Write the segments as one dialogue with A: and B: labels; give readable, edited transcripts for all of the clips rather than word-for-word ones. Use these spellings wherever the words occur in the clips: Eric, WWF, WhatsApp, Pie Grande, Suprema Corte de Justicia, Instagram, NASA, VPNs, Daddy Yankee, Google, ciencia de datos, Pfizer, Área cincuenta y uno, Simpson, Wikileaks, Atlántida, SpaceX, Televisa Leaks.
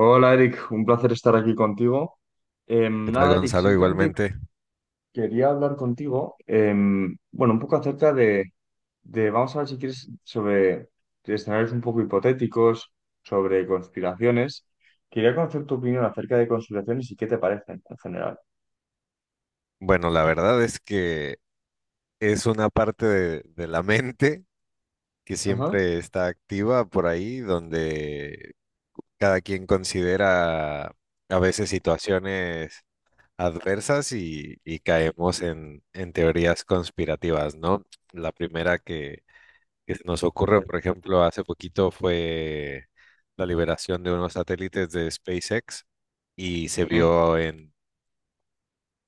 A: Hola Eric, un placer estar aquí contigo.
B: ¿Qué
A: Em,
B: tal,
A: nada, Eric,
B: Gonzalo?
A: simplemente
B: Igualmente.
A: quería hablar contigo, bueno, un poco acerca de, vamos a ver si quieres, sobre escenarios un poco hipotéticos, sobre conspiraciones. Quería conocer tu opinión acerca de conspiraciones y qué te parecen en general.
B: Bueno, la verdad es que es una parte de la mente que
A: Ajá.
B: siempre está activa por ahí, donde cada quien considera a veces situaciones adversas y caemos en teorías conspirativas, ¿no? La primera que se nos ocurre, por ejemplo, hace poquito fue la liberación de unos satélites de SpaceX y se
A: Sí,
B: vio en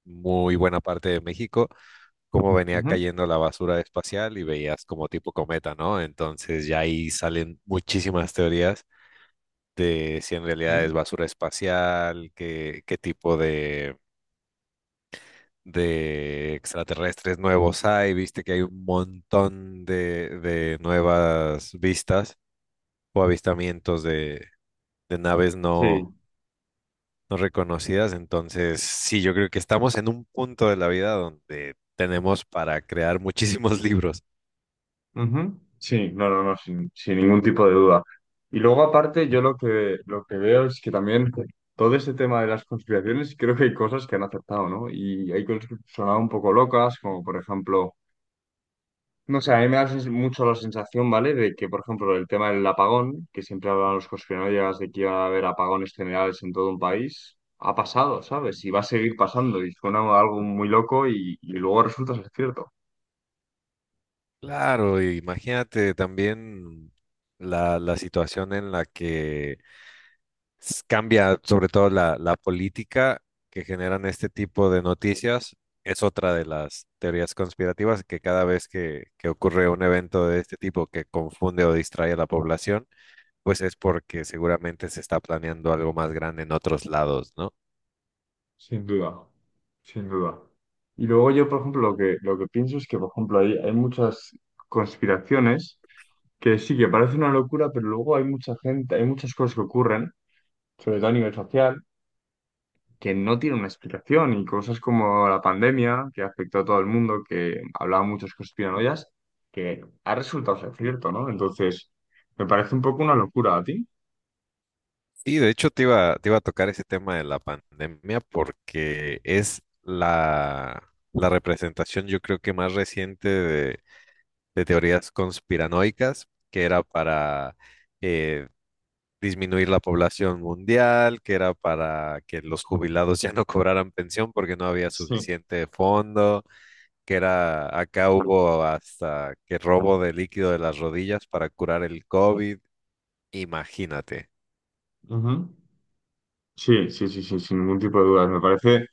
B: muy buena parte de México cómo venía
A: ujú,
B: cayendo la basura espacial y veías como tipo cometa, ¿no? Entonces ya ahí salen muchísimas teorías de si en realidad
A: sí.
B: es basura espacial, qué tipo de, extraterrestres nuevos hay, viste que hay un montón de nuevas vistas o avistamientos de, naves
A: Sí.
B: no reconocidas. Entonces, sí, yo creo que estamos en un punto de la vida donde tenemos para crear muchísimos libros.
A: Ujú. Sí, no, no, no, sin ningún tipo de duda. Y luego, aparte, yo lo que veo es que también todo este tema de las conspiraciones, creo que hay cosas que han acertado, ¿no? Y hay cosas que han sonado un poco locas, como por ejemplo, no sé, a mí me da sens- mucho la sensación, ¿vale? De que, por ejemplo, el tema del apagón, que siempre hablan los conspiranoicos de que iba a haber apagones generales en todo un país, ha pasado, ¿sabes? Y va a seguir pasando, y suena algo muy loco y luego resulta ser cierto.
B: Claro, y imagínate también la situación en la que cambia sobre todo la política que generan este tipo de noticias. Es otra de las teorías conspirativas que cada vez que ocurre un evento de este tipo que confunde o distrae a la población, pues es porque seguramente se está planeando algo más grande en otros lados, ¿no?
A: Sin duda, sin duda. Y luego yo, por ejemplo, lo que pienso es que, por ejemplo, hay muchas conspiraciones que sí que parece una locura, pero luego hay mucha gente, hay muchas cosas que ocurren, sobre todo a nivel social, que no tienen una explicación y cosas como la pandemia, que afectó a todo el mundo, que hablaba muchos conspiranoias, que ha resultado ser cierto, ¿no? Entonces, me parece un poco una locura a ti.
B: Y de hecho te iba a tocar ese tema de la pandemia porque es la representación yo creo que más reciente de teorías conspiranoicas, que era para eh, disminuir la población mundial, que era para que los jubilados ya no cobraran pensión porque no había
A: Sí.
B: suficiente fondo, que era acá hubo hasta que robo de líquido de las rodillas para curar el COVID, imagínate.
A: Ujú. Sí, sí, sí, sí, sin ningún tipo de dudas. Me parece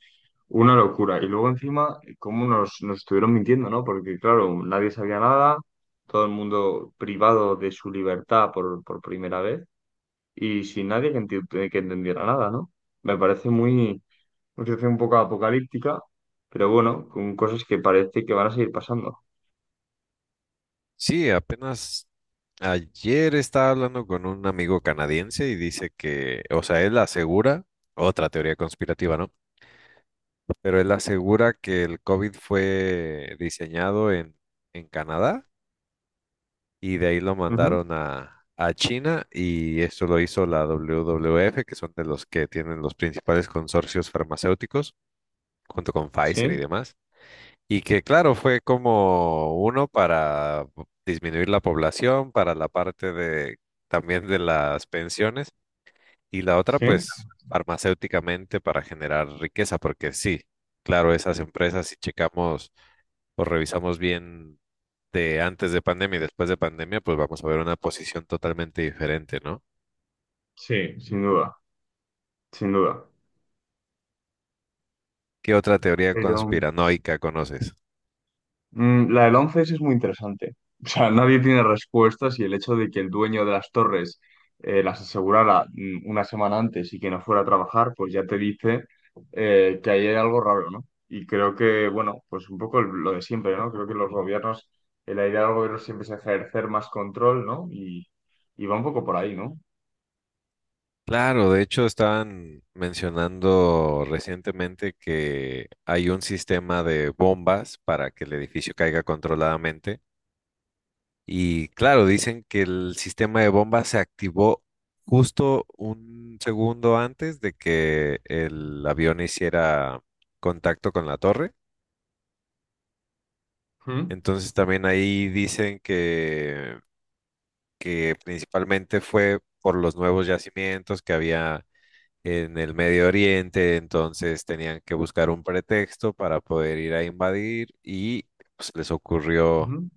A: una locura. Y luego encima, cómo nos estuvieron mintiendo, ¿no? Porque claro, nadie sabía nada, todo el mundo privado de su libertad por primera vez y sin nadie que, enti- que entendiera nada, ¿no? Me parece muy, una situación un poco apocalíptica, pero bueno, con cosas que parece que van a seguir pasando.
B: Sí, apenas ayer estaba hablando con un amigo canadiense y dice que, o sea, él asegura, otra teoría conspirativa, ¿no? Pero él asegura que el COVID fue diseñado en Canadá y de ahí lo
A: Ujú.
B: mandaron a China y esto lo hizo la WWF, que son de los que tienen los principales consorcios farmacéuticos, junto con Pfizer y
A: Sí,
B: demás. Y que claro, fue como uno para disminuir la población, para la parte de también de las pensiones, y la otra
A: sí,
B: pues farmacéuticamente para generar riqueza, porque sí, claro, esas empresas si checamos o revisamos bien de antes de pandemia y después de pandemia, pues vamos a ver una posición totalmente diferente, ¿no?
A: sí, sin duda, sin duda.
B: ¿Qué otra teoría
A: Pero
B: conspiranoica conoces?
A: La del 11 es muy interesante. O sea, nadie tiene respuestas y el hecho de que el dueño de las torres las asegurara una semana antes y que no fuera a trabajar, pues ya te dice que ahí hay algo raro, ¿no? Y creo que, bueno, pues un poco el- lo de siempre, ¿no? Creo que los gobiernos, la idea del gobierno siempre es ejercer más control, ¿no? Y va un poco por ahí, ¿no?
B: Claro, de hecho estaban mencionando recientemente que hay un sistema de bombas para que el edificio caiga controladamente. Y claro, dicen que el sistema de bombas se activó justo un segundo antes de que el avión hiciera contacto con la torre.
A: ¿Mm?
B: Entonces también ahí dicen que principalmente fue por los nuevos yacimientos que había en el Medio Oriente, entonces tenían que buscar un pretexto para poder ir a invadir y pues, les ocurrió
A: Ujú.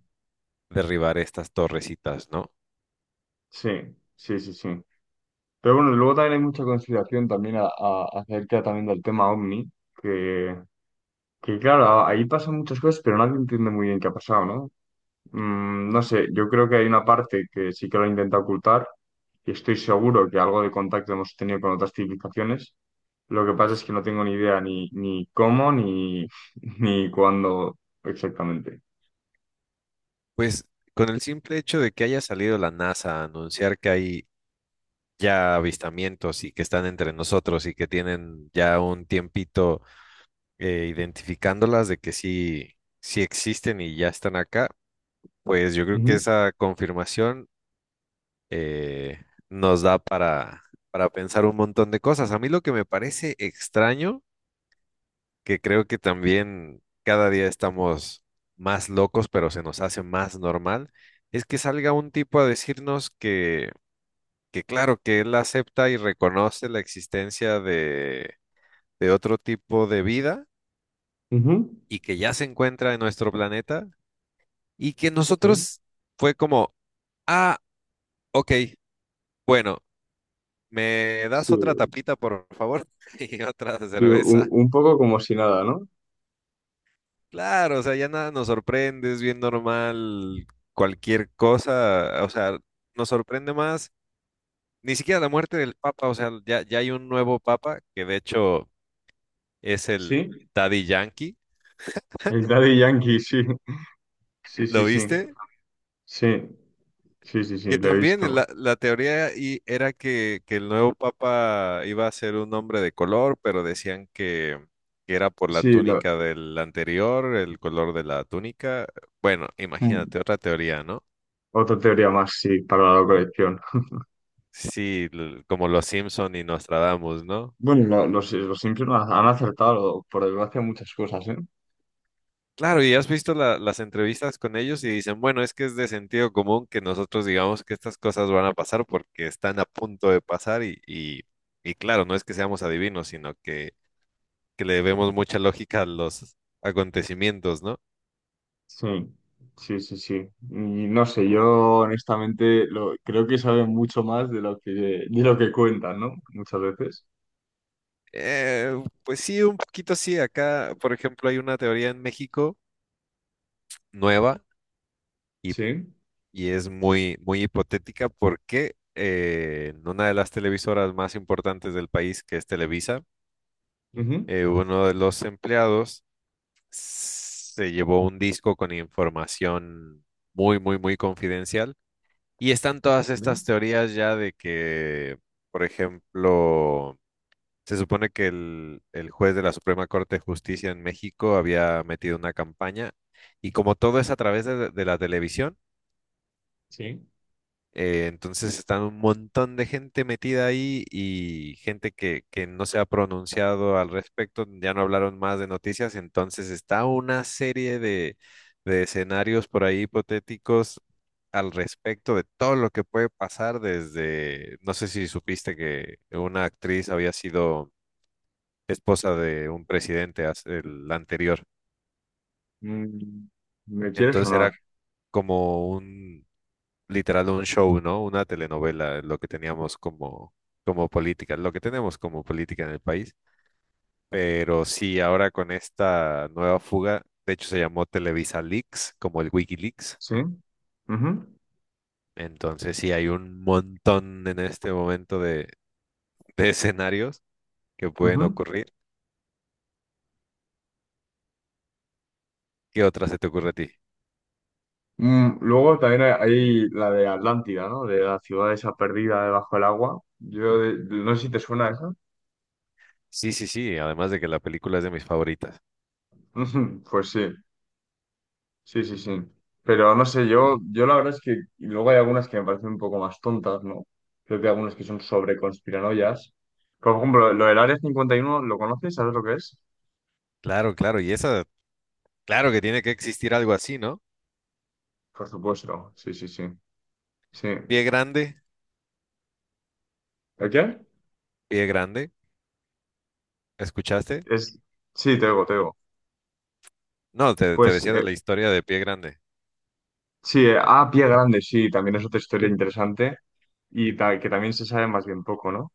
B: derribar estas torrecitas, ¿no?
A: Sí, sí, sí, sí. Pero bueno, luego también hay mucha consideración también a- acerca también del tema OVNI, que claro, ahí pasan muchas cosas, pero nadie entiende muy bien qué ha pasado, ¿no? Mm, no sé, yo creo que hay una parte que sí que lo intenta ocultar y estoy seguro que algo de contacto hemos tenido con otras civilizaciones. Lo que pasa es que no tengo ni idea ni, ni cómo ni, ni cuándo exactamente.
B: Pues con el simple hecho de que haya salido la NASA a anunciar que hay ya avistamientos y que están entre nosotros y que tienen ya un tiempito identificándolas de que sí, sí existen y ya están acá, pues yo creo que
A: Ujú,
B: esa confirmación eh, nos da para pensar un montón de cosas. A mí lo que me parece extraño, que creo que también cada día estamos más locos, pero se nos hace más normal, es que salga un tipo a decirnos que claro, que él acepta y reconoce la existencia de otro tipo de vida
A: ujú,
B: y que ya se encuentra en nuestro planeta y que
A: sí,
B: nosotros fue como, ah, ok, bueno. ¿Me das
A: sí.
B: otra tapita, por favor? Y otra de
A: Sí,
B: cerveza.
A: un poco como si nada, ¿no?
B: Claro, o sea, ya nada nos sorprende, es bien normal cualquier cosa. O sea, nos sorprende más ni siquiera la muerte del Papa. O sea, ya, ya hay un nuevo Papa que de hecho es el
A: Sí,
B: Daddy Yankee.
A: el Daddy Yankee, sí. Sí, sí,
B: ¿Lo
A: sí.
B: viste?
A: Sí, sí, sí, sí,
B: Que
A: lo he visto.
B: también la teoría y era que el nuevo papa iba a ser un hombre de color, pero decían que era por la
A: Sí, lo...
B: túnica del anterior, el color de la túnica. Bueno,
A: Mm,
B: imagínate otra teoría, ¿no?
A: otra teoría más, sí, para la colección.
B: Sí, como los Simpson y Nostradamus, ¿no?
A: Bueno, lo- los Simpson han acertado, por desgracia, muchas cosas, ¿eh?
B: Claro, y has visto las entrevistas con ellos y dicen, bueno, es que es de sentido común que nosotros digamos que estas cosas van a pasar porque están a punto de pasar y claro, no es que seamos adivinos, sino que le vemos mucha lógica a los acontecimientos, ¿no?
A: Sí, sí, sí, sí. Y no sé, yo honestamente lo, creo que saben mucho más de lo que cuentan, ¿no? Muchas veces.
B: Eh, pues sí, un poquito sí. Acá, por ejemplo, hay una teoría en México nueva y,
A: Sí.
B: y es muy, muy hipotética porque en una de las televisoras más importantes del país, que es Televisa,
A: Ujú.
B: uno de los empleados se llevó un disco con información muy, muy, muy confidencial. Y están todas
A: Ujú.
B: estas teorías ya de que, por ejemplo, se supone que el juez de la Suprema Corte de Justicia en México había metido una campaña y como todo es a través de la televisión,
A: Sí.
B: entonces están un montón de gente metida ahí y gente que no se ha pronunciado al respecto, ya no hablaron más de noticias, entonces está una serie de escenarios por ahí hipotéticos al respecto de todo lo que puede pasar desde, no sé si supiste que una actriz había sido esposa de un presidente, el anterior.
A: Mm, me quiere
B: Entonces
A: sonar.
B: era como un, literal, un show, ¿no? Una telenovela, lo que teníamos como, como política, lo que tenemos como política en el país. Pero sí, ahora con esta nueva fuga, de hecho se llamó Televisa Leaks, como el Wikileaks.
A: Sí. Ujú.
B: Entonces sí, hay un montón en este momento de escenarios que pueden
A: Ujú.
B: ocurrir. ¿Qué otra se te ocurre a ti?
A: Mm, luego también hay la de Atlántida, ¿no? De la ciudad esa perdida debajo del agua. Yo de- no sé si te suena esa.
B: Sí, sí, sí, además de que la película es de mis favoritas.
A: Ujú, pues sí, sí, sí, sí. Pero no sé, yo la verdad es que y luego hay algunas que me parecen un poco más tontas, ¿no? Creo que hay algunas que son sobre conspiranoias. Por ejemplo, lo del Área 51, ¿lo conoces? ¿Sabes lo que es?
B: Claro, claro, y esa. Claro que tiene que existir algo así, ¿no?
A: Por supuesto, sí, sí, sí. Sí.
B: Pie grande,
A: ¿El qué?
B: pie grande. ¿Escuchaste?
A: Es... Sí, te digo, te digo.
B: No, te
A: Pues
B: decía de la historia de pie grande.
A: sí, Pie Grande, sí, también es otra historia interesante y ta- que también se sabe más bien poco, ¿no?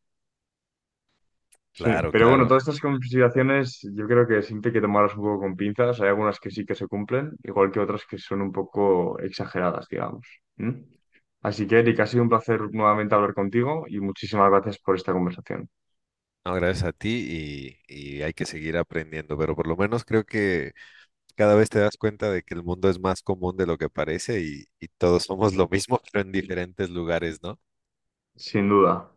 A: Sí,
B: Claro,
A: pero bueno, todas
B: claro.
A: estas consideraciones yo creo que siempre hay que tomarlas un poco con pinzas. Hay algunas que sí que se cumplen, igual que otras que son un poco exageradas, digamos. ¿Mm? Así que, Eric, ha sido un placer nuevamente hablar contigo y muchísimas gracias por esta conversación.
B: No, gracias a ti y hay que seguir aprendiendo, pero por lo menos creo que cada vez te das cuenta de que el mundo es más común de lo que parece y todos somos lo mismo, pero en diferentes lugares, ¿no?
A: Sin duda.